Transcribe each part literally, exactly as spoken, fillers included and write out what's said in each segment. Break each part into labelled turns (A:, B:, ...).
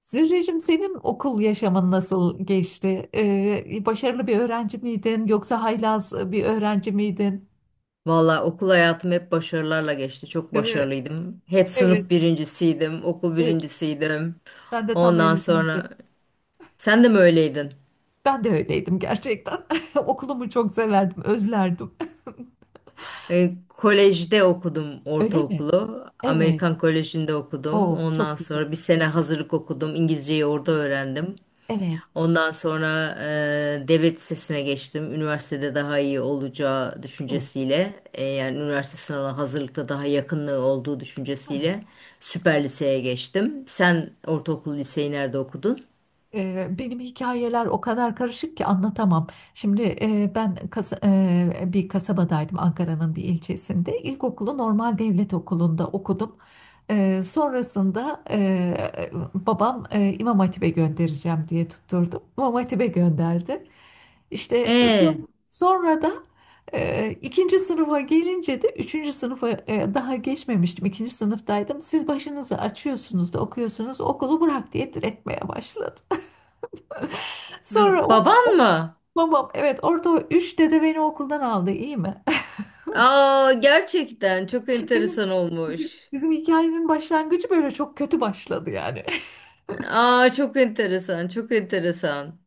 A: Zührecim senin okul yaşamın nasıl geçti? Ee, başarılı bir öğrenci miydin yoksa haylaz e, bir öğrenci miydin?
B: Valla okul hayatım hep başarılarla geçti. Çok
A: Değil mi?
B: başarılıydım. Hep
A: Evet,
B: sınıf birincisiydim, okul
A: evet.
B: birincisiydim.
A: Ben de tam
B: Ondan
A: öyle.
B: sonra sen de mi öyleydin?
A: Ben de öyleydim gerçekten. Okulumu çok severdim, özlerdim.
B: E, kolejde okudum
A: Öyle mi?
B: ortaokulu.
A: Evet.
B: Amerikan Koleji'nde okudum.
A: Oo,
B: Ondan
A: çok güzel.
B: sonra bir sene hazırlık okudum. İngilizceyi orada öğrendim.
A: Evet,
B: Ondan sonra e, devlet lisesine geçtim. Üniversitede daha iyi olacağı
A: evet.
B: düşüncesiyle, e, yani üniversite sınavına hazırlıkta daha yakınlığı olduğu
A: Ha.
B: düşüncesiyle süper liseye geçtim. Sen ortaokul liseyi nerede okudun?
A: Eee, Benim hikayeler o kadar karışık ki anlatamam. Şimdi eee, ben kasa- eee, bir kasabadaydım, Ankara'nın bir ilçesinde. İlkokulu normal devlet okulunda okudum. Eee, sonrasında eee, babam eee, İmam Hatip'e göndereceğim diye tutturdum. İmam Hatip'e gönderdi. İşte
B: E,
A: son- sonra da e, ikinci sınıfa gelince de üçüncü sınıfa e, daha geçmemiştim. İkinci sınıftaydım. Siz başınızı açıyorsunuz da okuyorsunuz, okulu bırak diye diretmeye başladı.
B: m-
A: Sonra o,
B: baban
A: o
B: mı?
A: babam, evet, orada o üç dede beni okuldan aldı, iyi mi?
B: Aa, gerçekten çok
A: Evet,
B: enteresan
A: Bizim,
B: olmuş.
A: bizim hikayenin başlangıcı böyle çok kötü başladı yani.
B: Aa, çok enteresan, çok enteresan.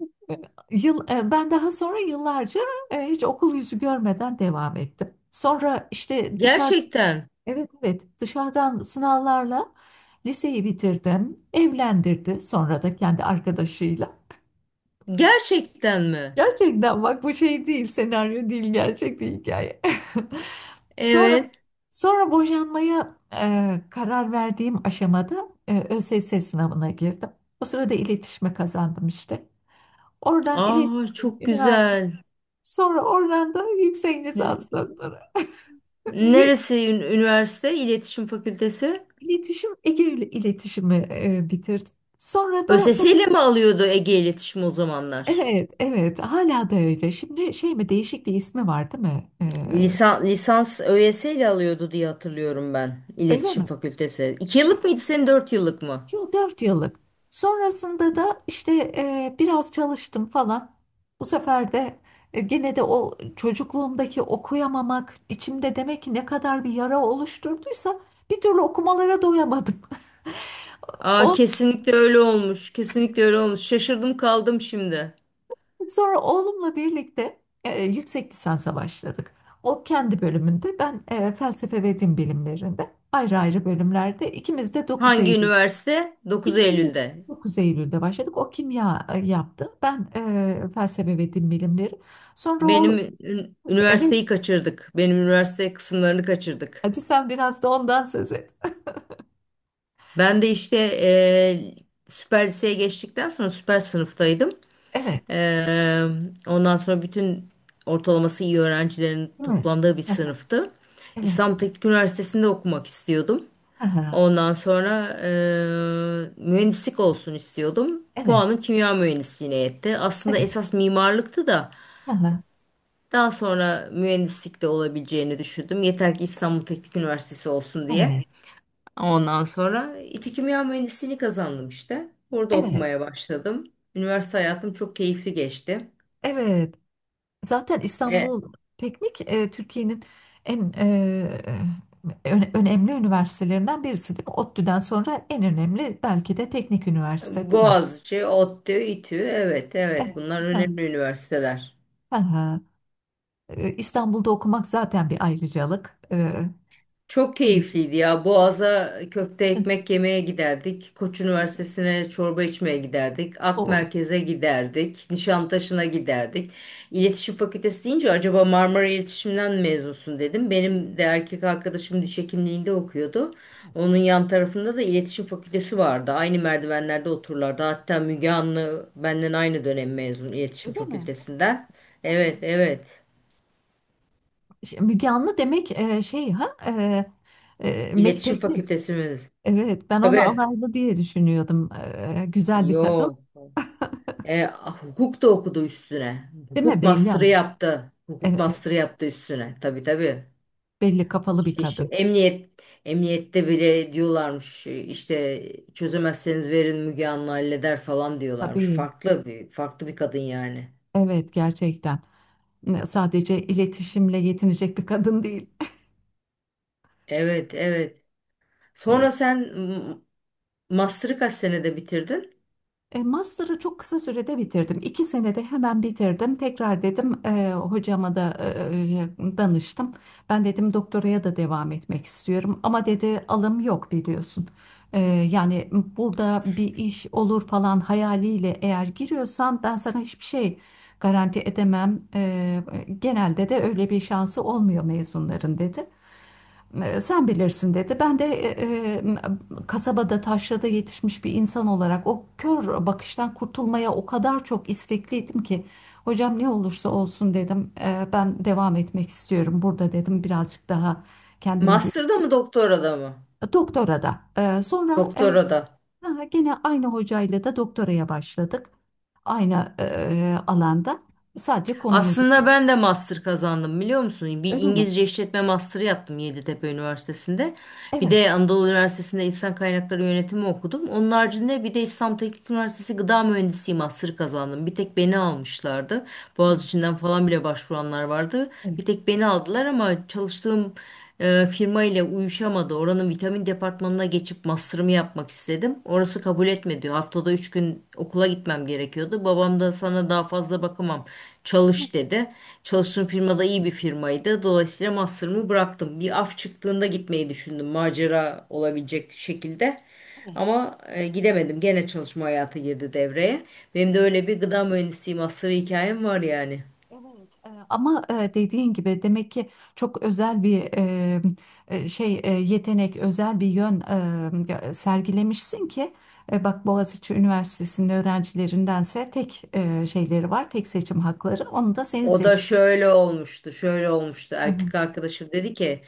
A: Yıl, e, ben daha sonra yıllarca e, hiç okul yüzü görmeden devam ettim. Sonra işte dışarı
B: Gerçekten,
A: evet, evet, dışarıdan sınavlarla liseyi bitirdim. Evlendirdi sonra da kendi arkadaşıyla.
B: gerçekten mi?
A: Gerçekten bak, bu şey değil, senaryo değil, gerçek bir hikaye. Sonra
B: Evet.
A: sonra boşanmaya e, karar verdiğim aşamada e, ÖSS sınavına girdim. O sırada iletişime kazandım işte. Oradan
B: Aa,
A: iletişim,
B: çok
A: üniversite.
B: güzel.
A: Sonra oradan da yüksek lisans, doktora. Bir
B: Neresi ün- üniversite? İletişim Fakültesi.
A: iletişim, Ege ile iletişimi e, bitirdim. Sonra da
B: ÖSS
A: dok-
B: ile mi alıyordu Ege İletişim o zamanlar?
A: evet, evet, hala da öyle. Şimdi şey mi, değişik bir ismi var değil mi? E,
B: Lisan, lisans ÖSS ile alıyordu diye hatırlıyorum ben.
A: öyle
B: İletişim
A: mi?
B: Fakültesi. İki yıllık mıydı senin dört yıllık mı?
A: Yo, dört yıllık. Sonrasında da işte e, biraz çalıştım falan. Bu sefer de e, gene de o çocukluğumdaki okuyamamak içimde demek ki ne kadar bir yara oluşturduysa, bir türlü okumalara doyamadım.
B: Aa,
A: Ondan
B: kesinlikle öyle olmuş. Kesinlikle öyle olmuş. Şaşırdım kaldım şimdi.
A: sonra oğlumla birlikte e, yüksek lisansa başladık. O kendi bölümünde, ben e, felsefe ve din bilimlerinde, ayrı ayrı bölümlerde ikimiz de dokuz
B: Hangi
A: Eylül
B: üniversite? Dokuz
A: İkimiz de
B: Eylül'de.
A: dokuz Eylül'de başladık. O kimya e, yaptı. Ben e, felsefe ve din bilimleri. Sonra o
B: Benim ün-
A: evet,
B: üniversiteyi kaçırdık. Benim üniversite kısımlarını kaçırdık.
A: hadi sen biraz da ondan söz et.
B: Ben de işte eee, süper liseye geçtikten sonra süper sınıftaydım.
A: Evet.
B: Ee, ondan sonra bütün ortalaması iyi öğrencilerin
A: Değil mi?
B: toplandığı bir
A: Hı.
B: sınıftı.
A: Evet.
B: İstanbul Teknik Üniversitesi'nde okumak istiyordum.
A: Hı.
B: Ondan sonra e, mühendislik olsun istiyordum.
A: Evet.
B: Puanım kimya mühendisliğine yetti. Aslında
A: Evet.
B: esas mimarlıktı da
A: Hı.
B: daha sonra mühendislik de olabileceğini düşündüm. Yeter ki İstanbul Teknik Üniversitesi olsun diye.
A: Evet.
B: Ondan sonra İTÜ Kimya Mühendisliğini kazandım işte. Orada
A: Evet.
B: okumaya başladım. Üniversite hayatım çok keyifli geçti.
A: Evet. Zaten
B: E,
A: İstanbul Teknik e, Türkiye'nin en e, e, öne- önemli üniversitelerinden birisi değil mi? ODTÜ'den sonra en önemli belki de teknik üniversite değil mi?
B: Boğaziçi, ODTÜ, İTÜ. Evet, evet.
A: Evet.
B: Bunlar
A: Hı,
B: önemli üniversiteler.
A: hı hı. E, İstanbul'da okumak zaten bir ayrıcalık. E,
B: Çok
A: o yüzden
B: keyifliydi ya. Boğaz'a köfte ekmek yemeye giderdik. Koç Üniversitesi'ne çorba içmeye giderdik. Ak
A: o
B: Merkez'e giderdik. Nişantaşı'na giderdik. İletişim Fakültesi deyince acaba Marmara İletişim'den mezunsun dedim. Benim de erkek arkadaşım diş hekimliğinde okuyordu. Onun yan tarafında da İletişim Fakültesi vardı. Aynı merdivenlerde otururlardı. Hatta Müge Anlı benden aynı dönem mezun İletişim Fakültesinden. Evet, evet.
A: şey, Müge Anlı demek e, şey, ha, e, e,
B: İletişim
A: mektepli.
B: Fakültesi mi?
A: Evet, ben onu
B: Tabii.
A: alaylı diye düşünüyordum. E, güzel bir kadın.
B: Yok. E, hukuk da okudu üstüne.
A: Değil mi?
B: Hukuk
A: Belli
B: master'ı
A: ama.
B: yaptı. Hukuk
A: Evet, evet.
B: master'ı yaptı üstüne. Tabii tabii.
A: Belli kafalı bir
B: İş,
A: kadın.
B: emniyet emniyette bile diyorlarmış e, işte çözemezseniz verin Müge Anlı halleder falan diyorlarmış.
A: Tabii.
B: Farklı bir farklı bir kadın yani.
A: Evet, gerçekten. E, Sadece iletişimle yetinecek bir kadın değil.
B: Evet evet. Sonra sen m- master'ı kaç senede bitirdin?
A: E, Master'ı çok kısa sürede bitirdim. İki senede hemen bitirdim. Tekrar dedim e, hocama da e, e, danıştım. Ben dedim, doktoraya da devam etmek istiyorum. Ama dedi, alım yok, biliyorsun. E, yani, burada bir iş olur falan hayaliyle eğer giriyorsan, ben sana hiçbir şey garanti edemem. E, genelde de öyle bir şansı olmuyor mezunların, dedi. E, Sen bilirsin, dedi. Ben de e, e, kasabada, taşrada yetişmiş bir insan olarak, o kör bakıştan kurtulmaya o kadar çok istekliydim ki, hocam ne olursa olsun dedim. E, ben devam etmek istiyorum burada dedim. Birazcık daha kendimi ge-
B: Master'da mı doktorada mı?
A: doktora da. E, sonra e,
B: Doktorada.
A: ha, gene aynı hocayla da doktoraya başladık. Aynı e, alanda. Sadece konumuzu
B: Aslında ben de master kazandım biliyor musun? Bir
A: öyle mi?
B: İngilizce işletme master'ı yaptım Yeditepe Üniversitesi'nde. Bir
A: Evet.
B: de Anadolu Üniversitesi'nde İnsan Kaynakları Yönetimi okudum. Onun haricinde bir de İstanbul Teknik Üniversitesi Gıda Mühendisliği master'ı kazandım. Bir tek beni almışlardı. Boğaziçi'nden falan bile başvuranlar vardı. Bir tek beni aldılar ama çalıştığım e, firma ile uyuşamadı. Oranın vitamin departmanına geçip master'ımı yapmak istedim. Orası kabul etmedi. Haftada üç gün okula gitmem gerekiyordu. Babam da sana daha fazla bakamam. Çalış dedi. Çalıştığım firmada iyi bir firmaydı. Dolayısıyla master'ımı bıraktım. Bir af çıktığında gitmeyi düşündüm. Macera olabilecek şekilde. Ama e, gidemedim. Gene çalışma hayatı girdi devreye. Benim de öyle bir gıda mühendisliği master hikayem var yani.
A: Evet, e, ama e, dediğin gibi demek ki çok özel bir e, e, şey, e, yetenek, özel bir yön e, sergilemişsin ki e, bak, Boğaziçi Üniversitesi'nin öğrencilerindense tek e, şeyleri var, tek seçim hakları. Onu da senin
B: O da
A: seçmiş.
B: şöyle olmuştu, şöyle olmuştu.
A: Hı hı.
B: Erkek arkadaşım dedi ki,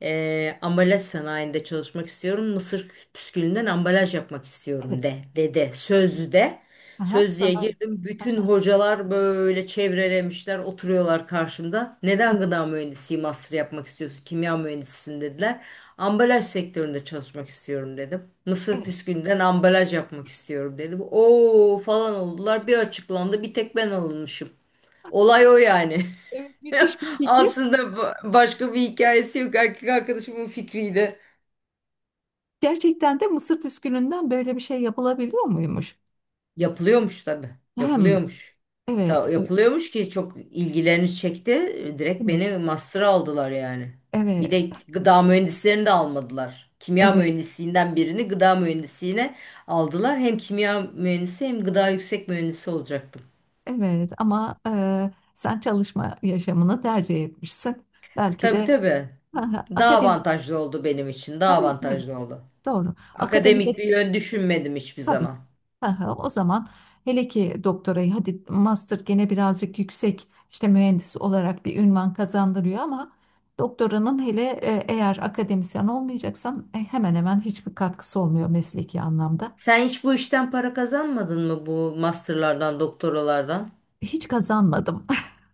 B: "Eee, ambalaj sanayinde çalışmak istiyorum. Mısır püskülünden ambalaj yapmak istiyorum
A: Evet.
B: de," dedi. Sözlü de.
A: Aha,
B: Sözlüğe
A: sana.
B: girdim. Bütün hocalar böyle çevrelemişler, oturuyorlar karşımda.
A: Heh,
B: Neden gıda mühendisliği master yapmak istiyorsun? Kimya mühendisisin dediler. Ambalaj sektöründe çalışmak istiyorum dedim. Mısır
A: evet.
B: püskülünden ambalaj yapmak istiyorum dedim. Oo falan oldular. Bir açıklandı. Bir tek ben alınmışım. Olay o yani.
A: Evet, müthiş bir fikir.
B: Aslında ba- başka bir hikayesi yok. Erkek arkadaşımın fikriydi.
A: Gerçekten de mısır püskülünden böyle bir şey yapılabiliyor muymuş?
B: Yapılıyormuş tabii.
A: Hem
B: Yapılıyormuş.
A: evet,
B: Ta,
A: evet,
B: yapılıyormuş ki çok ilgilerini çekti. Direkt
A: değil mi?
B: beni master'a aldılar yani. Bir
A: Evet,
B: de gıda mühendislerini de almadılar. Kimya
A: evet.
B: mühendisliğinden birini gıda mühendisliğine aldılar. Hem kimya mühendisi hem gıda yüksek mühendisi olacaktım.
A: Evet ama eee, sen çalışma yaşamını tercih etmişsin. Belki
B: Tabii
A: de
B: tabii.
A: ha, ha,
B: Daha
A: akademik,
B: avantajlı oldu benim için. Daha
A: tabii tabii,
B: avantajlı oldu.
A: doğru. Akademik,
B: Akademik bir yön düşünmedim hiçbir
A: tabii.
B: zaman.
A: Ha, ha, o zaman hele ki doktorayı, hadi master gene birazcık yüksek, işte mühendis olarak bir ünvan kazandırıyor ama doktoranın, hele e, eğer akademisyen olmayacaksan, e, hemen hemen hiçbir katkısı olmuyor mesleki anlamda.
B: Sen hiç bu işten para kazanmadın mı bu masterlardan, doktoralardan?
A: Hiç kazanmadım.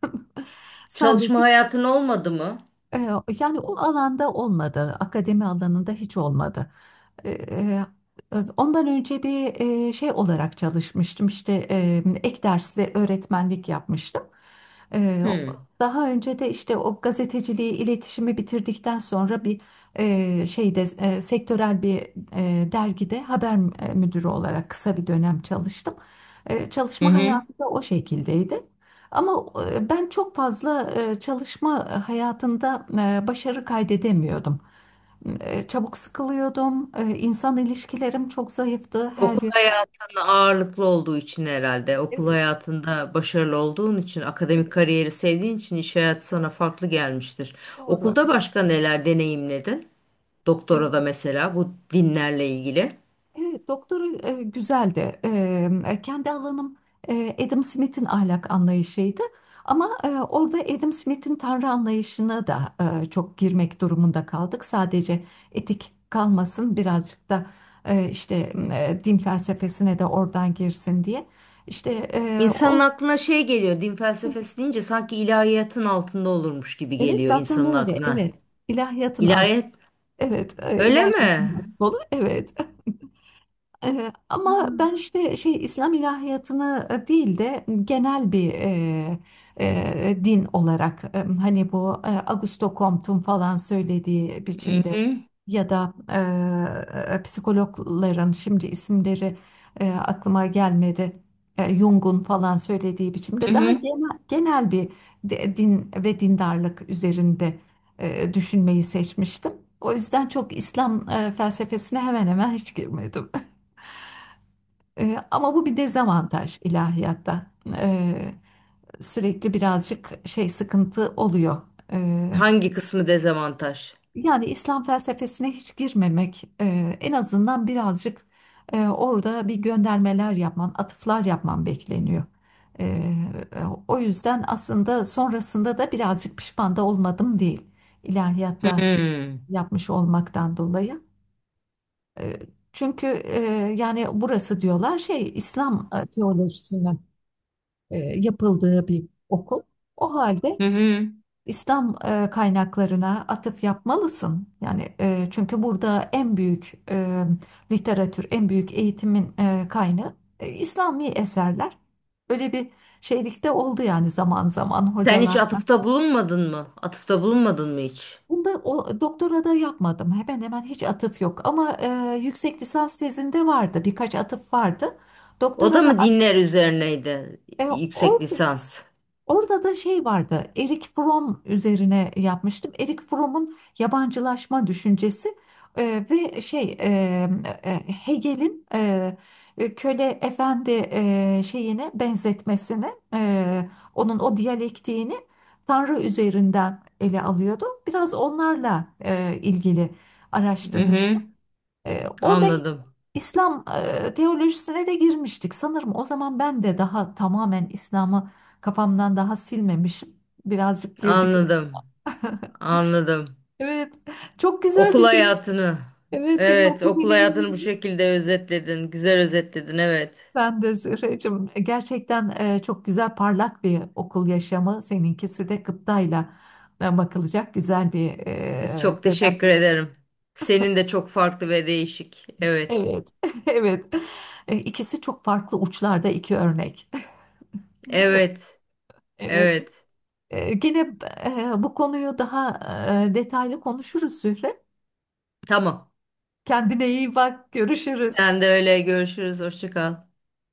B: Çalışma
A: Sadece
B: hayatın olmadı mı?
A: E, Yani o alanda olmadı, akademi alanında hiç olmadı. E, e, Ondan önce bir e, şey olarak çalışmıştım, işte e, ek dersli öğretmenlik yapmıştım. E,
B: Hmm.
A: Daha önce de işte o gazeteciliği, iletişimi bitirdikten sonra bir e, şeyde, e, sektörel bir e, dergide haber müdürü olarak kısa bir dönem çalıştım. E,
B: Hı
A: Çalışma
B: hı.
A: hayatı da o şekildeydi. Ama e, ben çok fazla e, çalışma hayatında e, başarı kaydedemiyordum. E, Çabuk sıkılıyordum. E, İnsan ilişkilerim çok zayıftı
B: Okul
A: her yön.
B: hayatında ağırlıklı olduğu için herhalde. Okul
A: Evet,
B: hayatında başarılı olduğun için, akademik kariyeri sevdiğin için iş hayatı sana farklı gelmiştir.
A: doğru.
B: Okulda başka neler deneyimledin?
A: Evet.
B: Doktora da mesela bu dinlerle ilgili.
A: Evet, doktoru e, güzeldi. E, kendi alanım e, Adam Smith'in ahlak anlayışıydı. Ama e, orada Adam Smith'in tanrı anlayışına da e, çok girmek durumunda kaldık. Sadece etik kalmasın, birazcık da e, işte e, din felsefesine de oradan girsin diye. İşte e,
B: İnsanın
A: o,
B: aklına şey geliyor, din felsefesi deyince sanki ilahiyatın altında olurmuş gibi
A: evet,
B: geliyor
A: zaten
B: insanın
A: öyle.
B: aklına.
A: Evet. ilahiyatın altı.
B: İlahiyat
A: Evet, e,
B: öyle mi?
A: ilahiyatın altı dolu. Evet. Ee, ama ben
B: Hmm.
A: işte şey, İslam ilahiyatını e, değil de genel bir e, e, din olarak, e, hani bu e, Augusto Comte'un falan söylediği
B: Hı
A: biçimde,
B: hı.
A: ya da e, psikologların şimdi isimleri e, aklıma gelmedi. E, Jung'un falan söylediği
B: Hı
A: biçimde, daha
B: hı.
A: genel, genel bir de- din ve dindarlık üzerinde e, düşünmeyi seçmiştim. O yüzden çok İslam e, felsefesine hemen hemen hiç girmedim. Ee, ama bu bir dezavantaj ilahiyatta. Ee, Sürekli birazcık şey, sıkıntı oluyor. Ee,
B: Hangi kısmı dezavantaj?
A: Yani İslam felsefesine hiç girmemek, e, en azından birazcık e, orada bir göndermeler yapman, atıflar yapman bekleniyor. Ee, O yüzden aslında sonrasında da birazcık pişman da olmadım değil
B: Hı
A: ilahiyatta
B: hı.
A: yapmış olmaktan dolayı. Ee, Çünkü e, yani burası diyorlar şey, İslam e, teolojisinden e, yapıldığı bir okul. O halde
B: Hı. Hı.
A: İslam e, kaynaklarına atıf yapmalısın. Yani e, çünkü burada en büyük e, literatür, en büyük eğitimin e, kaynağı e, İslami eserler. Öyle bir şeylikte oldu yani zaman zaman
B: Sen hiç
A: hocalar.
B: atıfta bulunmadın mı? Atıfta bulunmadın mı hiç?
A: Bunda o, doktora da yapmadım. Hemen hemen hiç atıf yok. Ama e, yüksek lisans tezinde vardı. Birkaç atıf vardı.
B: O da
A: Doktora da
B: mı dinler üzerineydi
A: e,
B: yüksek
A: orada
B: lisans?
A: Orada da şey vardı. Erik Fromm üzerine yapmıştım. Erik Fromm'un yabancılaşma düşüncesi e, ve şey, e, e, Hegel'in e, e, köle efendi e, şeyine benzetmesini, e, onun o diyalektiğini Tanrı üzerinden ele alıyordu. Biraz onlarla e, ilgili
B: Hı
A: araştırmıştım.
B: hı.
A: E, orada
B: Anladım.
A: İslam e, teolojisine de girmiştik. Sanırım o zaman ben de daha tamamen İslam'ı kafamdan daha silmemişim. Birazcık girdik.
B: Anladım. Anladım.
A: Evet, çok
B: Okul
A: güzeldi senin.
B: hayatını.
A: Evet, senin
B: Evet,
A: okul
B: okul hayatını bu
A: deneyimin.
B: şekilde özetledin. Güzel özetledin, evet.
A: Ben de Zühreciğim. Gerçekten e, çok güzel, parlak bir okul yaşamı. Seninkisi de gıptayla e, bakılacak güzel bir e,
B: Çok
A: dönem.
B: teşekkür ederim. Senin de çok farklı ve değişik. Evet.
A: Evet, evet. E, İkisi çok farklı uçlarda iki örnek. Değil mi?
B: Evet.
A: Evet.
B: Evet.
A: Ee, Gene e, bu konuyu daha e, detaylı konuşuruz, Zühre.
B: Tamam.
A: Kendine iyi bak, görüşürüz.
B: Sen de öyle görüşürüz. Hoşça kal.